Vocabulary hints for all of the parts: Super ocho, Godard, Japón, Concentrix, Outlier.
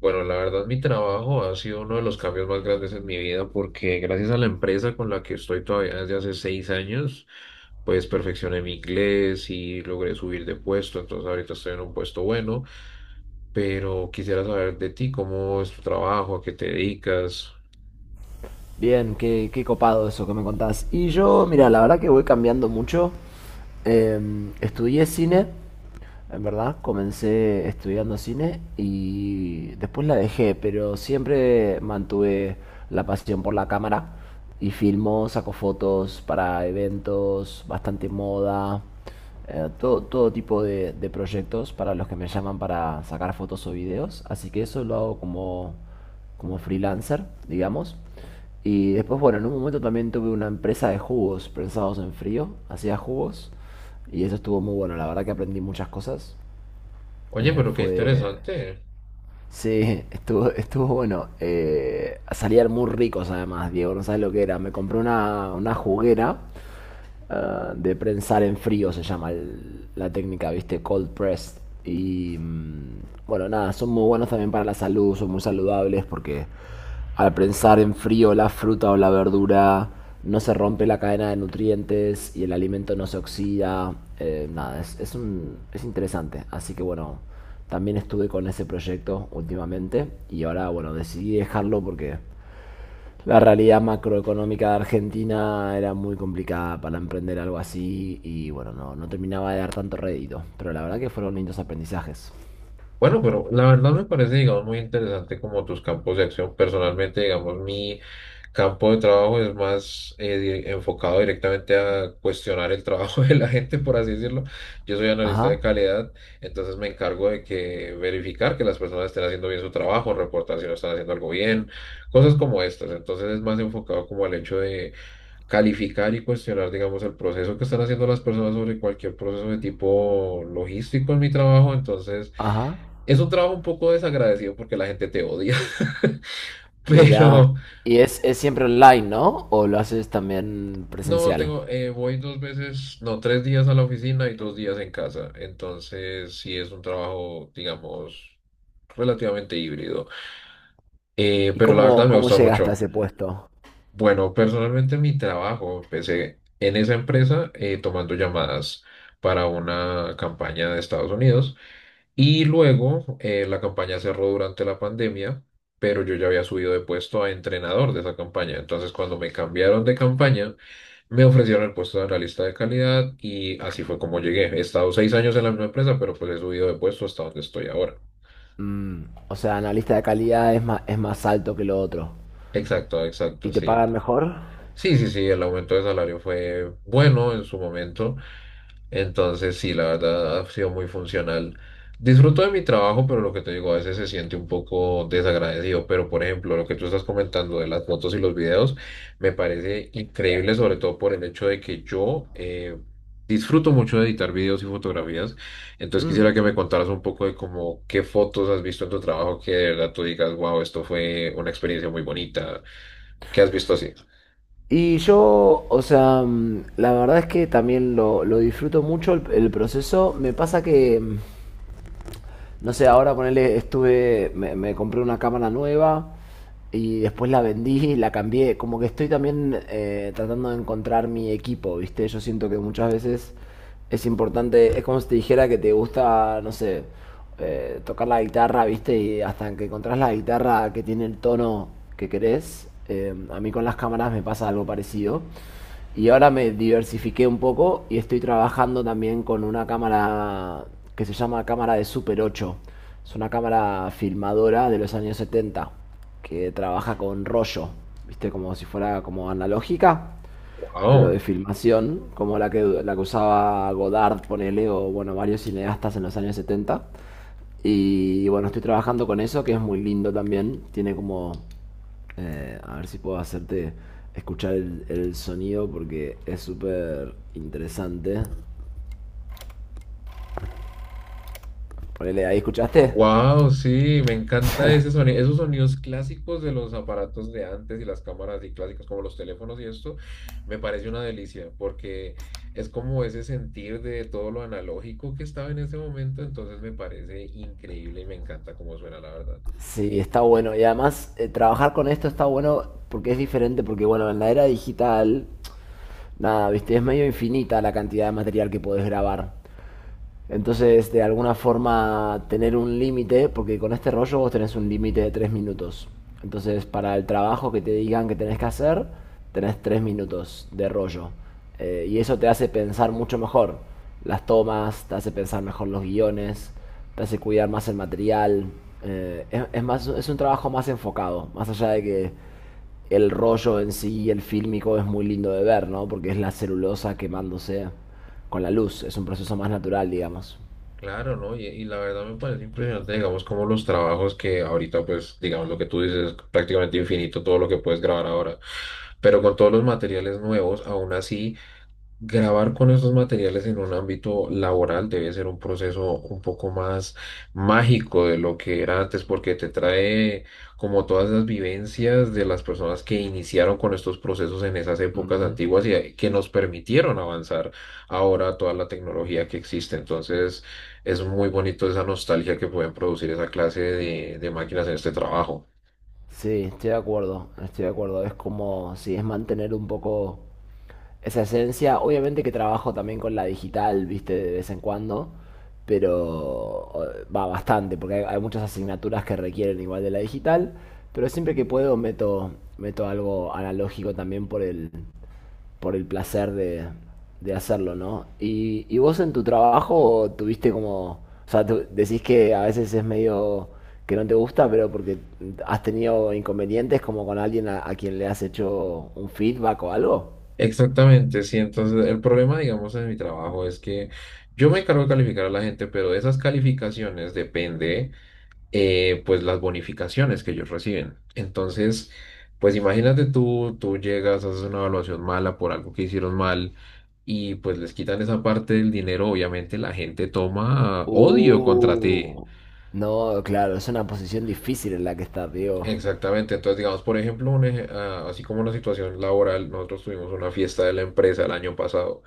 Bueno, la verdad, mi trabajo ha sido uno de los cambios más grandes en mi vida porque gracias a la empresa con la que estoy todavía desde hace 6 años, pues perfeccioné mi inglés y logré subir de puesto, entonces ahorita estoy en un puesto bueno, pero quisiera saber de ti, ¿cómo es tu trabajo? ¿A qué te dedicas? Bien, qué copado eso que me contás. Y yo, mira, la verdad que voy cambiando mucho. Estudié cine en verdad, comencé estudiando cine y después la dejé, pero siempre mantuve la pasión por la cámara y filmo, saco fotos para eventos, bastante moda, todo tipo de proyectos para los que me llaman para sacar fotos o videos. Así que eso lo hago como, como freelancer, digamos. Y después, bueno, en un momento también tuve una empresa de jugos pensados en frío, hacía jugos. Y eso estuvo muy bueno, la verdad que aprendí muchas cosas. Oye, Eh, pero qué fue... interesante. Sí, estuvo bueno. Salían muy ricos además, Diego, no sabes lo que era. Me compré una juguera ah, de prensar en frío, se llama la técnica, ¿viste? Cold pressed. Y bueno, nada, son muy buenos también para la salud, son muy saludables porque al prensar en frío la fruta o la verdura no se rompe la cadena de nutrientes y el alimento no se oxida. Nada, es interesante. Así que bueno, también estuve con ese proyecto últimamente y ahora bueno, decidí dejarlo porque la realidad macroeconómica de Argentina era muy complicada para emprender algo así y bueno, no terminaba de dar tanto rédito, pero la verdad que fueron lindos aprendizajes. Bueno, pero la verdad me parece, digamos, muy interesante como tus campos de acción. Personalmente, digamos, mi campo de trabajo es más enfocado directamente a cuestionar el trabajo de la gente, por así decirlo. Yo soy analista de Ajá, calidad, entonces me encargo de que verificar que las personas estén haciendo bien su trabajo, reportar si no están haciendo algo bien, cosas como estas. Entonces es más enfocado como al hecho calificar y cuestionar, digamos, el proceso que están haciendo las personas sobre cualquier proceso de tipo logístico en mi trabajo. Entonces, ajá. es un trabajo un poco desagradecido porque la gente te odia. Mira, Pero y es siempre online, ¿no? ¿O lo haces también no, presencial? tengo, voy dos veces, no, 3 días a la oficina y 2 días en casa. Entonces, sí es un trabajo, digamos, relativamente híbrido. ¿Y Pero la verdad me cómo gusta llegaste a mucho. ese puesto? Bueno, personalmente mi trabajo empecé en esa empresa tomando llamadas para una campaña de Estados Unidos y luego la campaña cerró durante la pandemia, pero yo ya había subido de puesto a entrenador de esa campaña. Entonces, cuando me cambiaron de campaña, me ofrecieron el puesto de analista de calidad y así fue como llegué. He estado 6 años en la misma empresa, pero pues he subido de puesto hasta donde estoy ahora. Mm, o sea, analista de calidad es más alto que lo otro. Exacto, ¿Y exacto, te sí. pagan mejor? Sí, sí, sí, el aumento de salario fue bueno en su momento. Entonces, sí, la verdad ha sido muy funcional. Disfruto de mi trabajo, pero lo que te digo, a veces se siente un poco desagradecido. Pero, por ejemplo, lo que tú estás comentando de las fotos y los videos, me parece increíble, sobre todo por el hecho de que yo disfruto mucho de editar videos y fotografías. Entonces, quisiera Mm. que me contaras un poco de cómo qué fotos has visto en tu trabajo que de verdad tú digas, wow, esto fue una experiencia muy bonita. ¿Qué has visto así? Y yo, o sea, mm, la verdad es que también lo disfruto mucho el proceso. Me pasa que mm, no sé, ahora ponerle, me compré una cámara nueva y después la vendí, la cambié. Como que estoy también tratando de encontrar mi equipo, ¿viste? Yo siento que muchas veces es importante, es como si te dijera que te gusta, no sé, tocar la guitarra, ¿viste? Y hasta que encontrás la guitarra que tiene el tono que querés, a mí con las cámaras me pasa algo parecido. Y ahora me diversifiqué un poco y estoy trabajando también con una cámara que se llama cámara de Super 8. Es una cámara filmadora de los años 70 que trabaja con rollo, ¿viste? Como si fuera como analógica pero Wow. de filmación, como la que usaba Godard, ponele, o bueno, varios cineastas en los años 70. Y bueno, estoy trabajando con eso, que es muy lindo también. Tiene como... A ver si puedo hacerte escuchar el sonido porque es súper interesante. Ponele, ahí escuchaste. Wow, sí, me encanta ese sonido, esos sonidos clásicos de los aparatos de antes y las cámaras y clásicas como los teléfonos y esto, me parece una delicia porque es, como ese sentir de todo lo analógico que estaba en ese momento, entonces me parece increíble y me encanta cómo suena la verdad. Sí, está bueno. Y además, trabajar con esto está bueno porque es diferente, porque bueno, en la era digital, nada, viste, es medio infinita la cantidad de material que podés grabar. Entonces, este, de alguna forma, tener un límite, porque con este rollo vos tenés un límite de 3 minutos. Entonces, para el trabajo que te digan que tenés que hacer, tenés 3 minutos de rollo. Y eso te hace pensar mucho mejor las tomas, te hace pensar mejor los guiones, te hace cuidar más el material. Es un trabajo más enfocado, más allá de que el rollo en sí, el fílmico, es muy lindo de ver, ¿no? Porque es la celulosa quemándose con la luz, es un proceso más natural, digamos. Claro, ¿no? Y la verdad me parece impresionante, digamos, como los trabajos que ahorita, pues, digamos, lo que tú dices es prácticamente infinito todo lo que puedes grabar ahora, pero con todos los materiales nuevos, aún así. Grabar con estos materiales en un ámbito laboral debe ser un proceso un poco más mágico de lo que era antes, porque te trae como todas las vivencias de las personas que iniciaron con estos procesos en esas épocas Mm. antiguas y que nos permitieron avanzar ahora toda la tecnología que existe. Entonces, es muy bonito esa nostalgia que pueden producir esa clase de máquinas en este trabajo. Sí, estoy de acuerdo, estoy de acuerdo. Es como, si es mantener un poco esa esencia. Obviamente que trabajo también con la digital, viste, de vez en cuando, pero va bastante, porque hay muchas asignaturas que requieren igual de la digital, pero siempre que puedo meto, meto algo analógico también por por el placer de hacerlo, ¿no? Y vos en tu trabajo tuviste como, o sea, tú decís que a veces es medio que no te gusta, pero porque has tenido inconvenientes como con alguien a quien le has hecho un feedback o algo. Exactamente, sí. Entonces, el problema, digamos, en mi trabajo es que yo me encargo de calificar a la gente, pero de esas calificaciones depende, pues, las bonificaciones que ellos reciben. Entonces, pues, imagínate tú llegas, haces una evaluación mala por algo que hicieron mal y, pues, les quitan esa parte del dinero. Obviamente, la gente toma odio contra ti. Uh, no, claro, es una posición difícil en la que estás, Diego. Exactamente, entonces digamos, por ejemplo, así como una situación laboral, nosotros tuvimos una fiesta de la empresa el año pasado.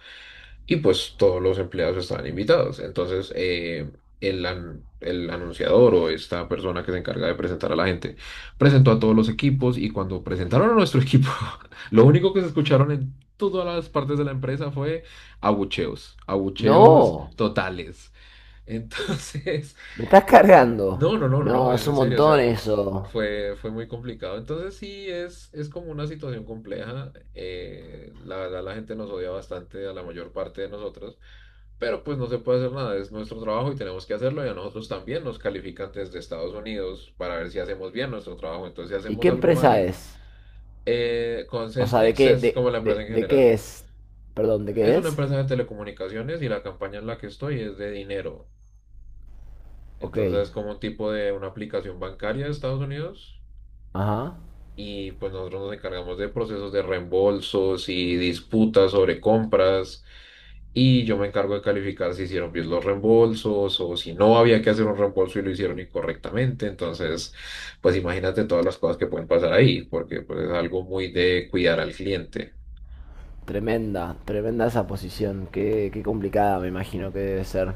Y pues todos los empleados estaban invitados. Entonces, el anunciador o esta persona que se encarga de presentar a la gente presentó a todos los equipos y cuando presentaron a nuestro equipo, lo único que se escucharon en todas las partes de la empresa fue abucheos, abucheos No, totales. Entonces, me estás cargando. no, no, no, no, No, es es en un serio, o montón sea, eso. fue muy complicado. Entonces sí, es como una situación compleja. La verdad, la gente nos odia bastante a la mayor parte de nosotros, pero pues no se puede hacer nada, es nuestro trabajo y tenemos que hacerlo y a nosotros también nos califican desde Estados Unidos para ver si hacemos bien nuestro trabajo. Entonces, si ¿Y qué hacemos algo empresa mal. es? O sea, ¿de Concentrix qué, es como la empresa en de qué general. es? Perdón, ¿de Es qué una es? empresa de telecomunicaciones y la campaña en la que estoy es de dinero. Ok, Entonces, es como un tipo de una aplicación bancaria de Estados Unidos ajá. y pues nosotros nos encargamos de procesos de reembolsos y disputas sobre compras y yo me encargo de calificar si hicieron bien los reembolsos o si no había que hacer un reembolso y lo hicieron incorrectamente. Entonces, pues imagínate todas las cosas que pueden pasar ahí, porque pues es algo muy de cuidar al cliente. Tremenda, tremenda esa posición. Qué complicada me imagino que debe ser.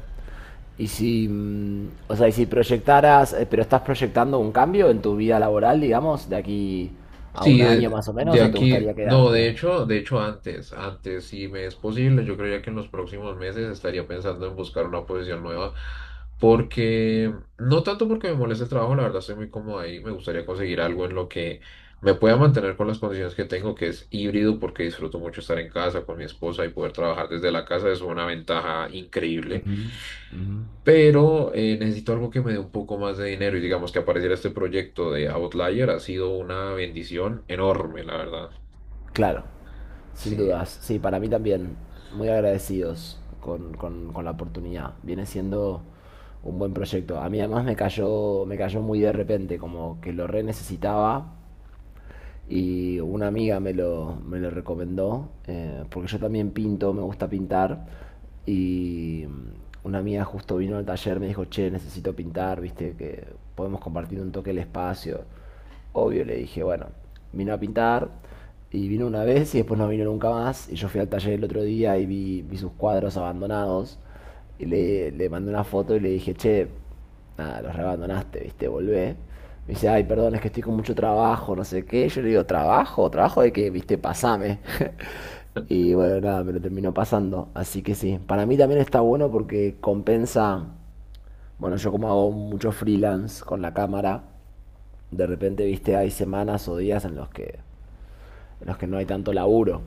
Y si, mm, o sea, y si proyectaras, pero estás proyectando un cambio en tu vida laboral, digamos, de aquí a un Sí, año más o de menos, o te aquí, gustaría no, quedarte? de hecho si me es posible, yo creía que en los próximos meses estaría pensando en buscar una posición nueva, porque no tanto porque me moleste el trabajo, la verdad estoy muy cómodo ahí, me gustaría conseguir algo en lo que me pueda mantener con las condiciones que tengo, que es híbrido, porque disfruto mucho estar en casa con mi esposa y poder trabajar desde la casa es una ventaja increíble. Ujú, ujú. Pero necesito algo que me dé un poco más de dinero y digamos que apareciera este proyecto de Outlier ha sido una bendición enorme, la verdad. Claro, sin Sí. dudas. Sí, para mí también. Muy agradecidos con la oportunidad. Viene siendo un buen proyecto. A mí además me cayó muy de repente, como que lo re necesitaba y una amiga me lo recomendó, porque yo también pinto, me gusta pintar, y una amiga justo vino al taller, me dijo, che, necesito pintar, viste, que podemos compartir un toque el espacio. Obvio, le dije, bueno, vino a pintar, y vino una vez y después no vino nunca más, y yo fui al taller el otro día y vi, vi sus cuadros abandonados, y le mandé una foto y le dije, che, nada, los reabandonaste, viste, volvé. Me dice, ay, perdón, es que estoy con mucho trabajo, no sé qué. Yo le digo, ¿trabajo? ¿Trabajo de qué? Viste, pasame. Y bueno, nada, me lo terminó pasando. Así que sí, para mí también está bueno porque compensa. Bueno, yo como hago mucho freelance con la cámara, de repente, viste, hay semanas o días en los que no hay tanto laburo.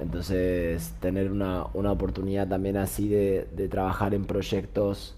Entonces, tener una oportunidad también así de trabajar en proyectos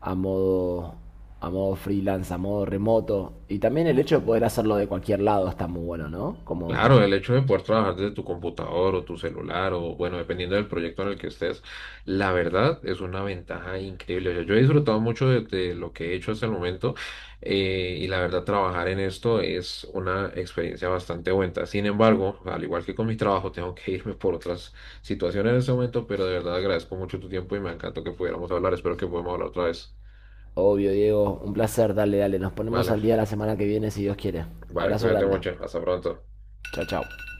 a modo, a modo freelance, a modo remoto. Y también el hecho de poder hacerlo de cualquier lado está muy bueno, ¿no? Como, Claro, el hecho de poder trabajar desde tu computador o tu celular o bueno, dependiendo del proyecto en el que estés, la verdad es una ventaja increíble. O sea, yo he disfrutado mucho de lo que he hecho hasta el momento y la verdad trabajar en esto es una experiencia bastante buena. Sin embargo, al igual que con mi trabajo, tengo que irme por otras situaciones en este momento, pero de verdad agradezco mucho tu tiempo y me encantó que pudiéramos hablar. Espero que podamos hablar otra vez. obvio, Diego, un placer, dale, dale. Nos ponemos Vale, al día la semana que viene si Dios quiere. vale, Abrazo cuídate grande. mucho. Hasta pronto. Chao, chao.